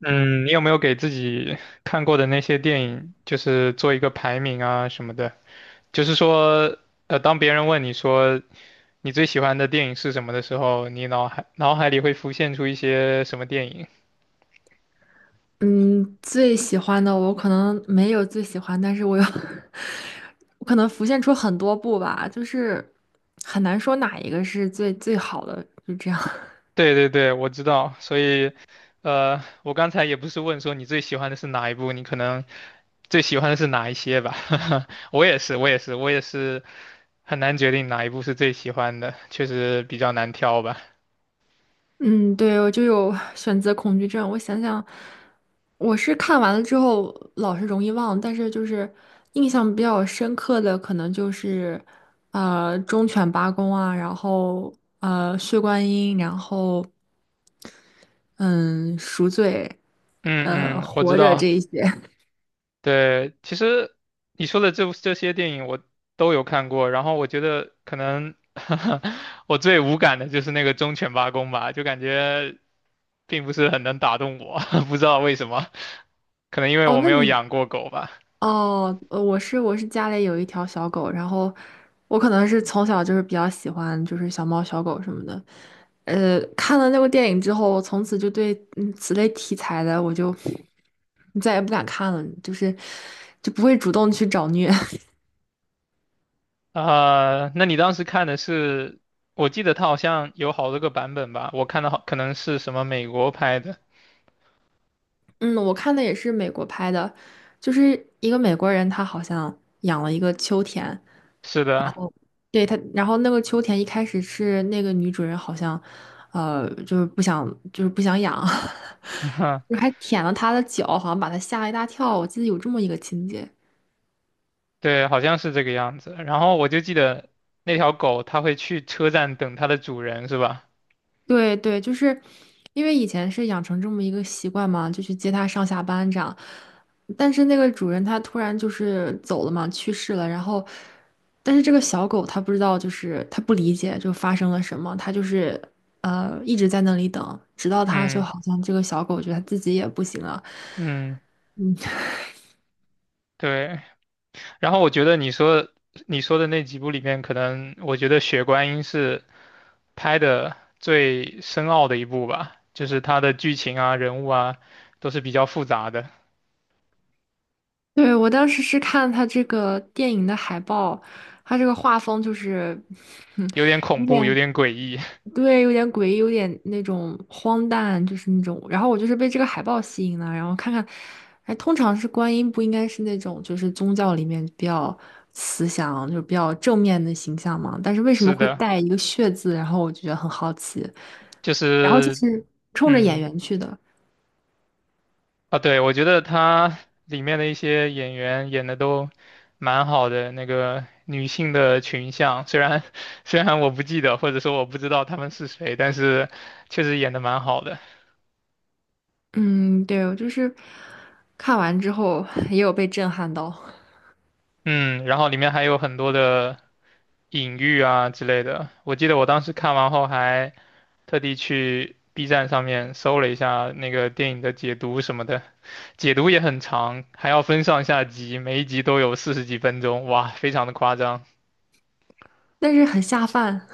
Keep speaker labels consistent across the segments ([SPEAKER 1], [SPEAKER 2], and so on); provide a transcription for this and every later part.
[SPEAKER 1] 嗯，你有没有给自己看过的那些电影，就是做一个排名啊什么的？就是说，当别人问你说你最喜欢的电影是什么的时候，你脑海里会浮现出一些什么电影？
[SPEAKER 2] 嗯，最喜欢的我可能没有最喜欢，但是我有，我可能浮现出很多部吧，就是很难说哪一个是最最好的，就这样。
[SPEAKER 1] 对对对，我知道。所以，我刚才也不是问说你最喜欢的是哪一部，你可能最喜欢的是哪一些吧？我也是，我也是，我也是很难决定哪一部是最喜欢的，确实比较难挑吧。
[SPEAKER 2] 嗯，对，我就有选择恐惧症。我想想，我是看完了之后老是容易忘，但是就是印象比较深刻的，可能就是忠犬八公啊，然后血观音，然后嗯赎罪，
[SPEAKER 1] 嗯嗯，我知
[SPEAKER 2] 活着这
[SPEAKER 1] 道。
[SPEAKER 2] 一些。
[SPEAKER 1] 对，其实你说的这些电影我都有看过，然后我觉得可能 我最无感的就是那个忠犬八公吧，就感觉并不是很能打动我，不知道为什么，可能因为
[SPEAKER 2] 哦，
[SPEAKER 1] 我没
[SPEAKER 2] 那
[SPEAKER 1] 有
[SPEAKER 2] 你
[SPEAKER 1] 养过狗吧。
[SPEAKER 2] 哦，我是家里有一条小狗，然后我可能是从小就是比较喜欢就是小猫小狗什么的，看了那部电影之后，我从此就对此类题材的我就再也不敢看了，就是就不会主动去找虐。
[SPEAKER 1] 啊、那你当时看的是，我记得它好像有好多个版本吧，我看的好可能是什么美国拍的，
[SPEAKER 2] 嗯，我看的也是美国拍的，就是一个美国人他好像养了一个秋田，
[SPEAKER 1] 是的，
[SPEAKER 2] 对他，然后那个秋田一开始是那个女主人好像，就是不想，就是不想养，还舔了他的脚，好像把他吓了一大跳。我记得有这么一个情节。
[SPEAKER 1] 对，好像是这个样子。然后我就记得那条狗，它会去车站等它的主人，是吧？
[SPEAKER 2] 对对，就是因为以前是养成这么一个习惯嘛，就去接他上下班这样。但是那个主人他突然就是走了嘛，去世了。然后，但是这个小狗它不知道，就是它不理解就发生了什么，它就是一直在那里等，直到它就
[SPEAKER 1] 嗯
[SPEAKER 2] 好像这个小狗觉得它自己也不行了。
[SPEAKER 1] 嗯，对。然后我觉得你说你说的那几部里面，可能我觉得《血观音》是拍的最深奥的一部吧，就是它的剧情啊、人物啊都是比较复杂的，
[SPEAKER 2] 对，我当时是看它这个电影的海报，它这个画风就是，哼，
[SPEAKER 1] 有点恐
[SPEAKER 2] 有
[SPEAKER 1] 怖，有
[SPEAKER 2] 点。
[SPEAKER 1] 点诡异。
[SPEAKER 2] 对，有点诡异，有点那种荒诞，就是那种。然后我就是被这个海报吸引了，然后看看，哎，通常是观音不应该是那种就是宗教里面比较慈祥，就是比较正面的形象嘛？但是为什么
[SPEAKER 1] 是
[SPEAKER 2] 会
[SPEAKER 1] 的，
[SPEAKER 2] 带一个血字？然后我就觉得很好奇。
[SPEAKER 1] 就
[SPEAKER 2] 然后就
[SPEAKER 1] 是
[SPEAKER 2] 是冲着演
[SPEAKER 1] 嗯。
[SPEAKER 2] 员去的，
[SPEAKER 1] 啊，对，我觉得他里面的一些演员演的都蛮好的，那个女性的群像，虽然 虽然我不记得，或者说我不知道他们是谁，但是确实演的蛮好的。
[SPEAKER 2] 嗯，对，我就是看完之后也有被震撼到，
[SPEAKER 1] 嗯，然后里面还有很多的隐喻啊之类的。我记得我当时看完后还特地去 B 站上面搜了一下那个电影的解读什么的，解读也很长，还要分上下集，每一集都有40几分钟，哇，非常的夸张。
[SPEAKER 2] 但是很下饭，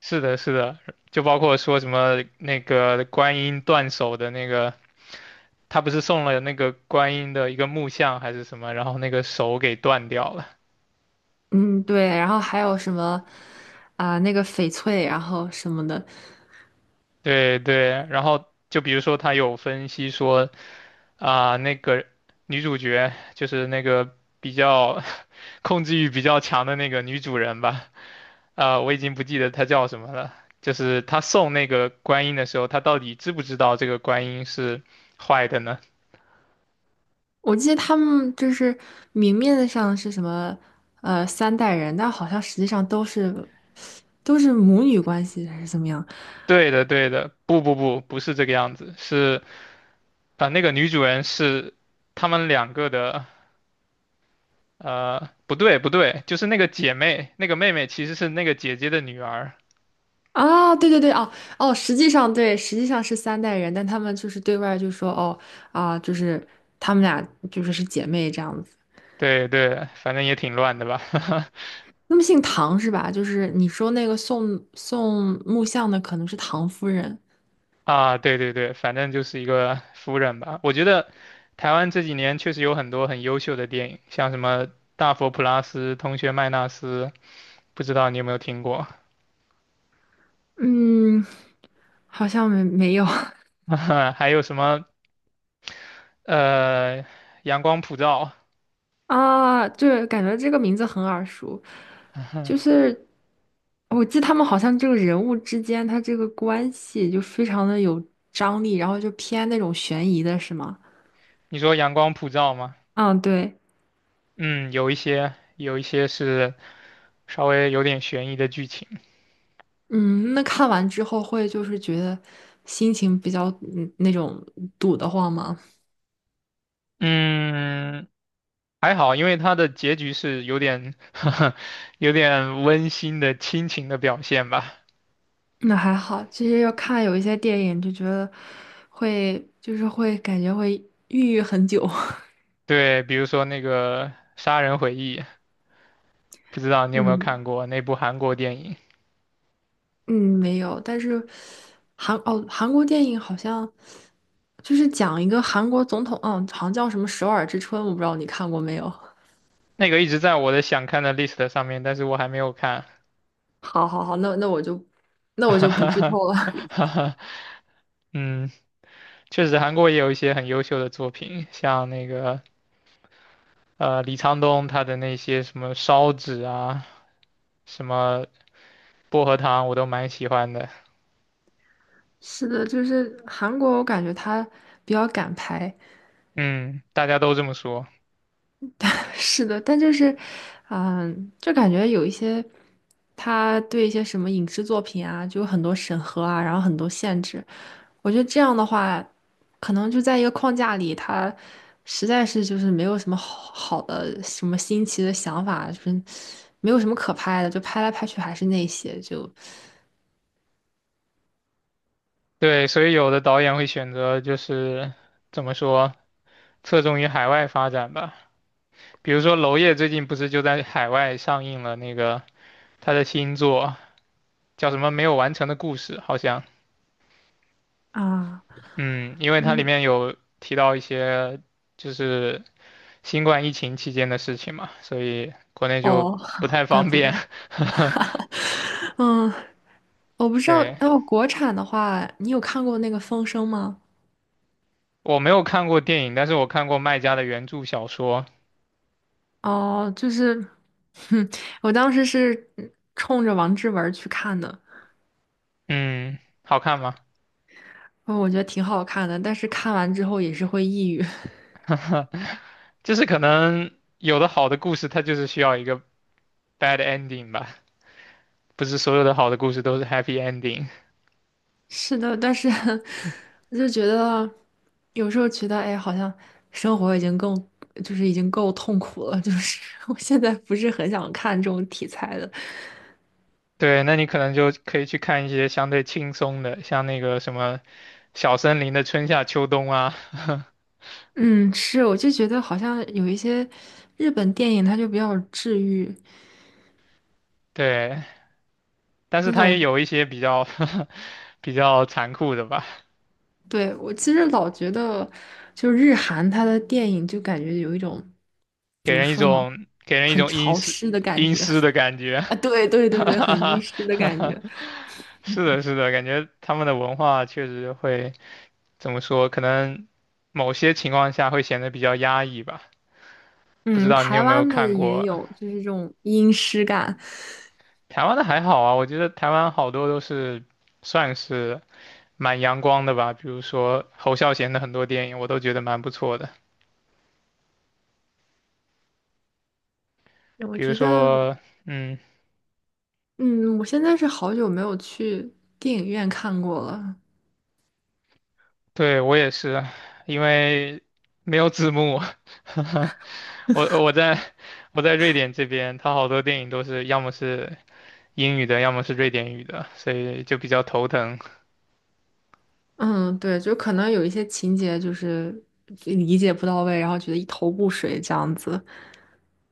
[SPEAKER 1] 是的，是的，就包括说什么那个观音断手的那个，他不是送了那个观音的一个木像还是什么，然后那个手给断掉了。
[SPEAKER 2] 嗯，对。然后还有什么啊、那个翡翠，然后什么的。
[SPEAKER 1] 对对，然后就比如说他有分析说啊、那个女主角就是那个比较 控制欲比较强的那个女主人吧，啊、我已经不记得她叫什么了。就是她送那个观音的时候，她到底知不知道这个观音是坏的呢？
[SPEAKER 2] 我记得他们就是明面上是什么三代人，但好像实际上都是母女关系还是怎么样
[SPEAKER 1] 对的，对的，不不不，不是这个样子，是啊、那个女主人是他们两个的，不对不对，就是那个姐妹，那个妹妹其实是那个姐姐的女儿，
[SPEAKER 2] 啊？对对对，哦哦，实际上对，实际上是三代人，但他们就是对外就说哦啊，就是他们俩就是是姐妹这样子。
[SPEAKER 1] 对对，反正也挺乱的吧，
[SPEAKER 2] 那么姓唐是吧？就是你说那个送木像的可能是唐夫人，
[SPEAKER 1] 啊，对对对，反正就是一个夫人吧。我觉得台湾这几年确实有很多很优秀的电影，像什么《大佛普拉斯》《同学麦纳斯》，不知道你有没有听过，
[SPEAKER 2] 嗯，好像没有。
[SPEAKER 1] 还有什么呃《阳光普照》
[SPEAKER 2] 啊，对，感觉这个名字很耳熟，就是我记得他们好像这个人物之间他这个关系就非常的有张力，然后就偏那种悬疑的，是吗？
[SPEAKER 1] 你说阳光普照吗？
[SPEAKER 2] 嗯，对，
[SPEAKER 1] 嗯，有一些，有一些是稍微有点悬疑的剧情。
[SPEAKER 2] 嗯，那看完之后会就是觉得心情比较嗯那种堵得慌吗？
[SPEAKER 1] 嗯，还好，因为它的结局是有点 有点温馨的亲情的表现吧。
[SPEAKER 2] 那还好，其实要看有一些电影就觉得会就是会感觉会抑郁很久，
[SPEAKER 1] 对，比如说那个《杀人回忆》，不知道 你有没有
[SPEAKER 2] 嗯。
[SPEAKER 1] 看过那部韩国电影？
[SPEAKER 2] 嗯，没有，但是韩哦，韩国电影好像就是讲一个韩国总统，嗯，好像叫什么《首尔之春》，我不知道你看过没有。
[SPEAKER 1] 那个一直在我的想看的 list 上面，但是我还没有看。
[SPEAKER 2] 好好好，那我就不剧透了。
[SPEAKER 1] 嗯，确实韩国也有一些很优秀的作品，像那个李沧东他的那些什么烧纸啊，什么薄荷糖，我都蛮喜欢的。
[SPEAKER 2] 是的，就是韩国，我感觉他比较敢拍。
[SPEAKER 1] 嗯，大家都这么说。
[SPEAKER 2] 是的，但就是，嗯，就感觉有一些他对一些什么影视作品啊，就有很多审核啊，然后很多限制。我觉得这样的话，可能就在一个框架里，他实在是就是没有什么好好的、什么新奇的想法，就是没有什么可拍的，就拍来拍去还是那些，就
[SPEAKER 1] 对，所以有的导演会选择就是怎么说，侧重于海外发展吧。比如说娄烨最近不是就在海外上映了那个他的新作，叫什么《没有完成的故事》，好像。
[SPEAKER 2] 啊，
[SPEAKER 1] 嗯，因为它里
[SPEAKER 2] 嗯，
[SPEAKER 1] 面有提到一些就是新冠疫情期间的事情嘛，所以国内就
[SPEAKER 2] 哦，
[SPEAKER 1] 不 太
[SPEAKER 2] 怪
[SPEAKER 1] 方
[SPEAKER 2] 不得，
[SPEAKER 1] 便。
[SPEAKER 2] 嗯，我不 知道，
[SPEAKER 1] 对。
[SPEAKER 2] 哦，国产的话，你有看过那个《风声》吗？
[SPEAKER 1] 我没有看过电影，但是我看过卖家的原著小说。
[SPEAKER 2] 哦，就是，哼，我当时是冲着王志文去看的，
[SPEAKER 1] 嗯，好看吗？
[SPEAKER 2] 哦，我觉得挺好看的，但是看完之后也是会抑郁。
[SPEAKER 1] 就是可能有的好的故事，它就是需要一个 bad ending 吧，不是所有的好的故事都是 happy ending。
[SPEAKER 2] 是的，但是 我就觉得有时候觉得，哎，好像生活已经更就是已经够痛苦了，就是 我现在不是很想看这种题材的。
[SPEAKER 1] 对，那你可能就可以去看一些相对轻松的，像那个什么《小森林的春夏秋冬》啊，
[SPEAKER 2] 嗯，是，我就觉得好像有一些日本电影，它就比较治愈
[SPEAKER 1] 对，但是
[SPEAKER 2] 那
[SPEAKER 1] 它
[SPEAKER 2] 种。
[SPEAKER 1] 也有一些比较 比较残酷的吧，
[SPEAKER 2] 对，我其实老觉得，就是日韩它的电影就感觉有一种
[SPEAKER 1] 给
[SPEAKER 2] 怎么
[SPEAKER 1] 人一
[SPEAKER 2] 说呢，
[SPEAKER 1] 种给人一
[SPEAKER 2] 很
[SPEAKER 1] 种阴
[SPEAKER 2] 潮
[SPEAKER 1] 湿
[SPEAKER 2] 湿的感
[SPEAKER 1] 阴
[SPEAKER 2] 觉
[SPEAKER 1] 湿的感觉。
[SPEAKER 2] 啊，对 对
[SPEAKER 1] 哈
[SPEAKER 2] 对对，
[SPEAKER 1] 哈
[SPEAKER 2] 很阴
[SPEAKER 1] 哈
[SPEAKER 2] 湿的
[SPEAKER 1] 哈
[SPEAKER 2] 感
[SPEAKER 1] 哈！
[SPEAKER 2] 觉。
[SPEAKER 1] 是的，是的，感觉他们的文化确实会怎么说？可能某些情况下会显得比较压抑吧。不知
[SPEAKER 2] 嗯，
[SPEAKER 1] 道你有
[SPEAKER 2] 台
[SPEAKER 1] 没有
[SPEAKER 2] 湾的
[SPEAKER 1] 看
[SPEAKER 2] 也
[SPEAKER 1] 过
[SPEAKER 2] 有，就是这种阴湿感。
[SPEAKER 1] 台湾的还好啊，我觉得台湾好多都是算是蛮阳光的吧。比如说侯孝贤的很多电影，我都觉得蛮不错的。
[SPEAKER 2] 我
[SPEAKER 1] 比如
[SPEAKER 2] 觉得，
[SPEAKER 1] 说，嗯，
[SPEAKER 2] 嗯，我现在是好久没有去电影院看过了。
[SPEAKER 1] 对，我也是，因为没有字幕。我我在我在瑞典这边，它好多电影都是要么是英语的，要么是瑞典语的，所以就比较头疼。
[SPEAKER 2] 嗯，对，就可能有一些情节就是理解不到位，然后觉得一头雾水这样子。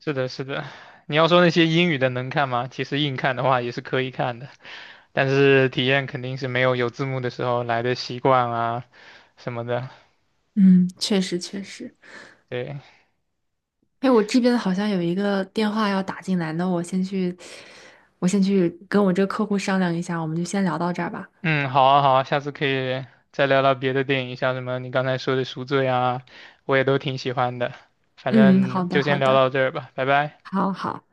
[SPEAKER 1] 是的，是的。你要说那些英语的能看吗？其实硬看的话也是可以看的，但是体验肯定是没有有字幕的时候来的习惯啊什么的。
[SPEAKER 2] 嗯，确实确实。
[SPEAKER 1] 对。
[SPEAKER 2] 哎，我这边好像有一个电话要打进来，那我先去，我先去跟我这个客户商量一下，我们就先聊到这儿吧。
[SPEAKER 1] 嗯，好啊，好啊，下次可以再聊聊别的电影，像什么你刚才说的《赎罪》啊，我也都挺喜欢的。反
[SPEAKER 2] 嗯，好
[SPEAKER 1] 正
[SPEAKER 2] 的
[SPEAKER 1] 就先
[SPEAKER 2] 好
[SPEAKER 1] 聊
[SPEAKER 2] 的，
[SPEAKER 1] 到这儿吧，拜拜。
[SPEAKER 2] 好好。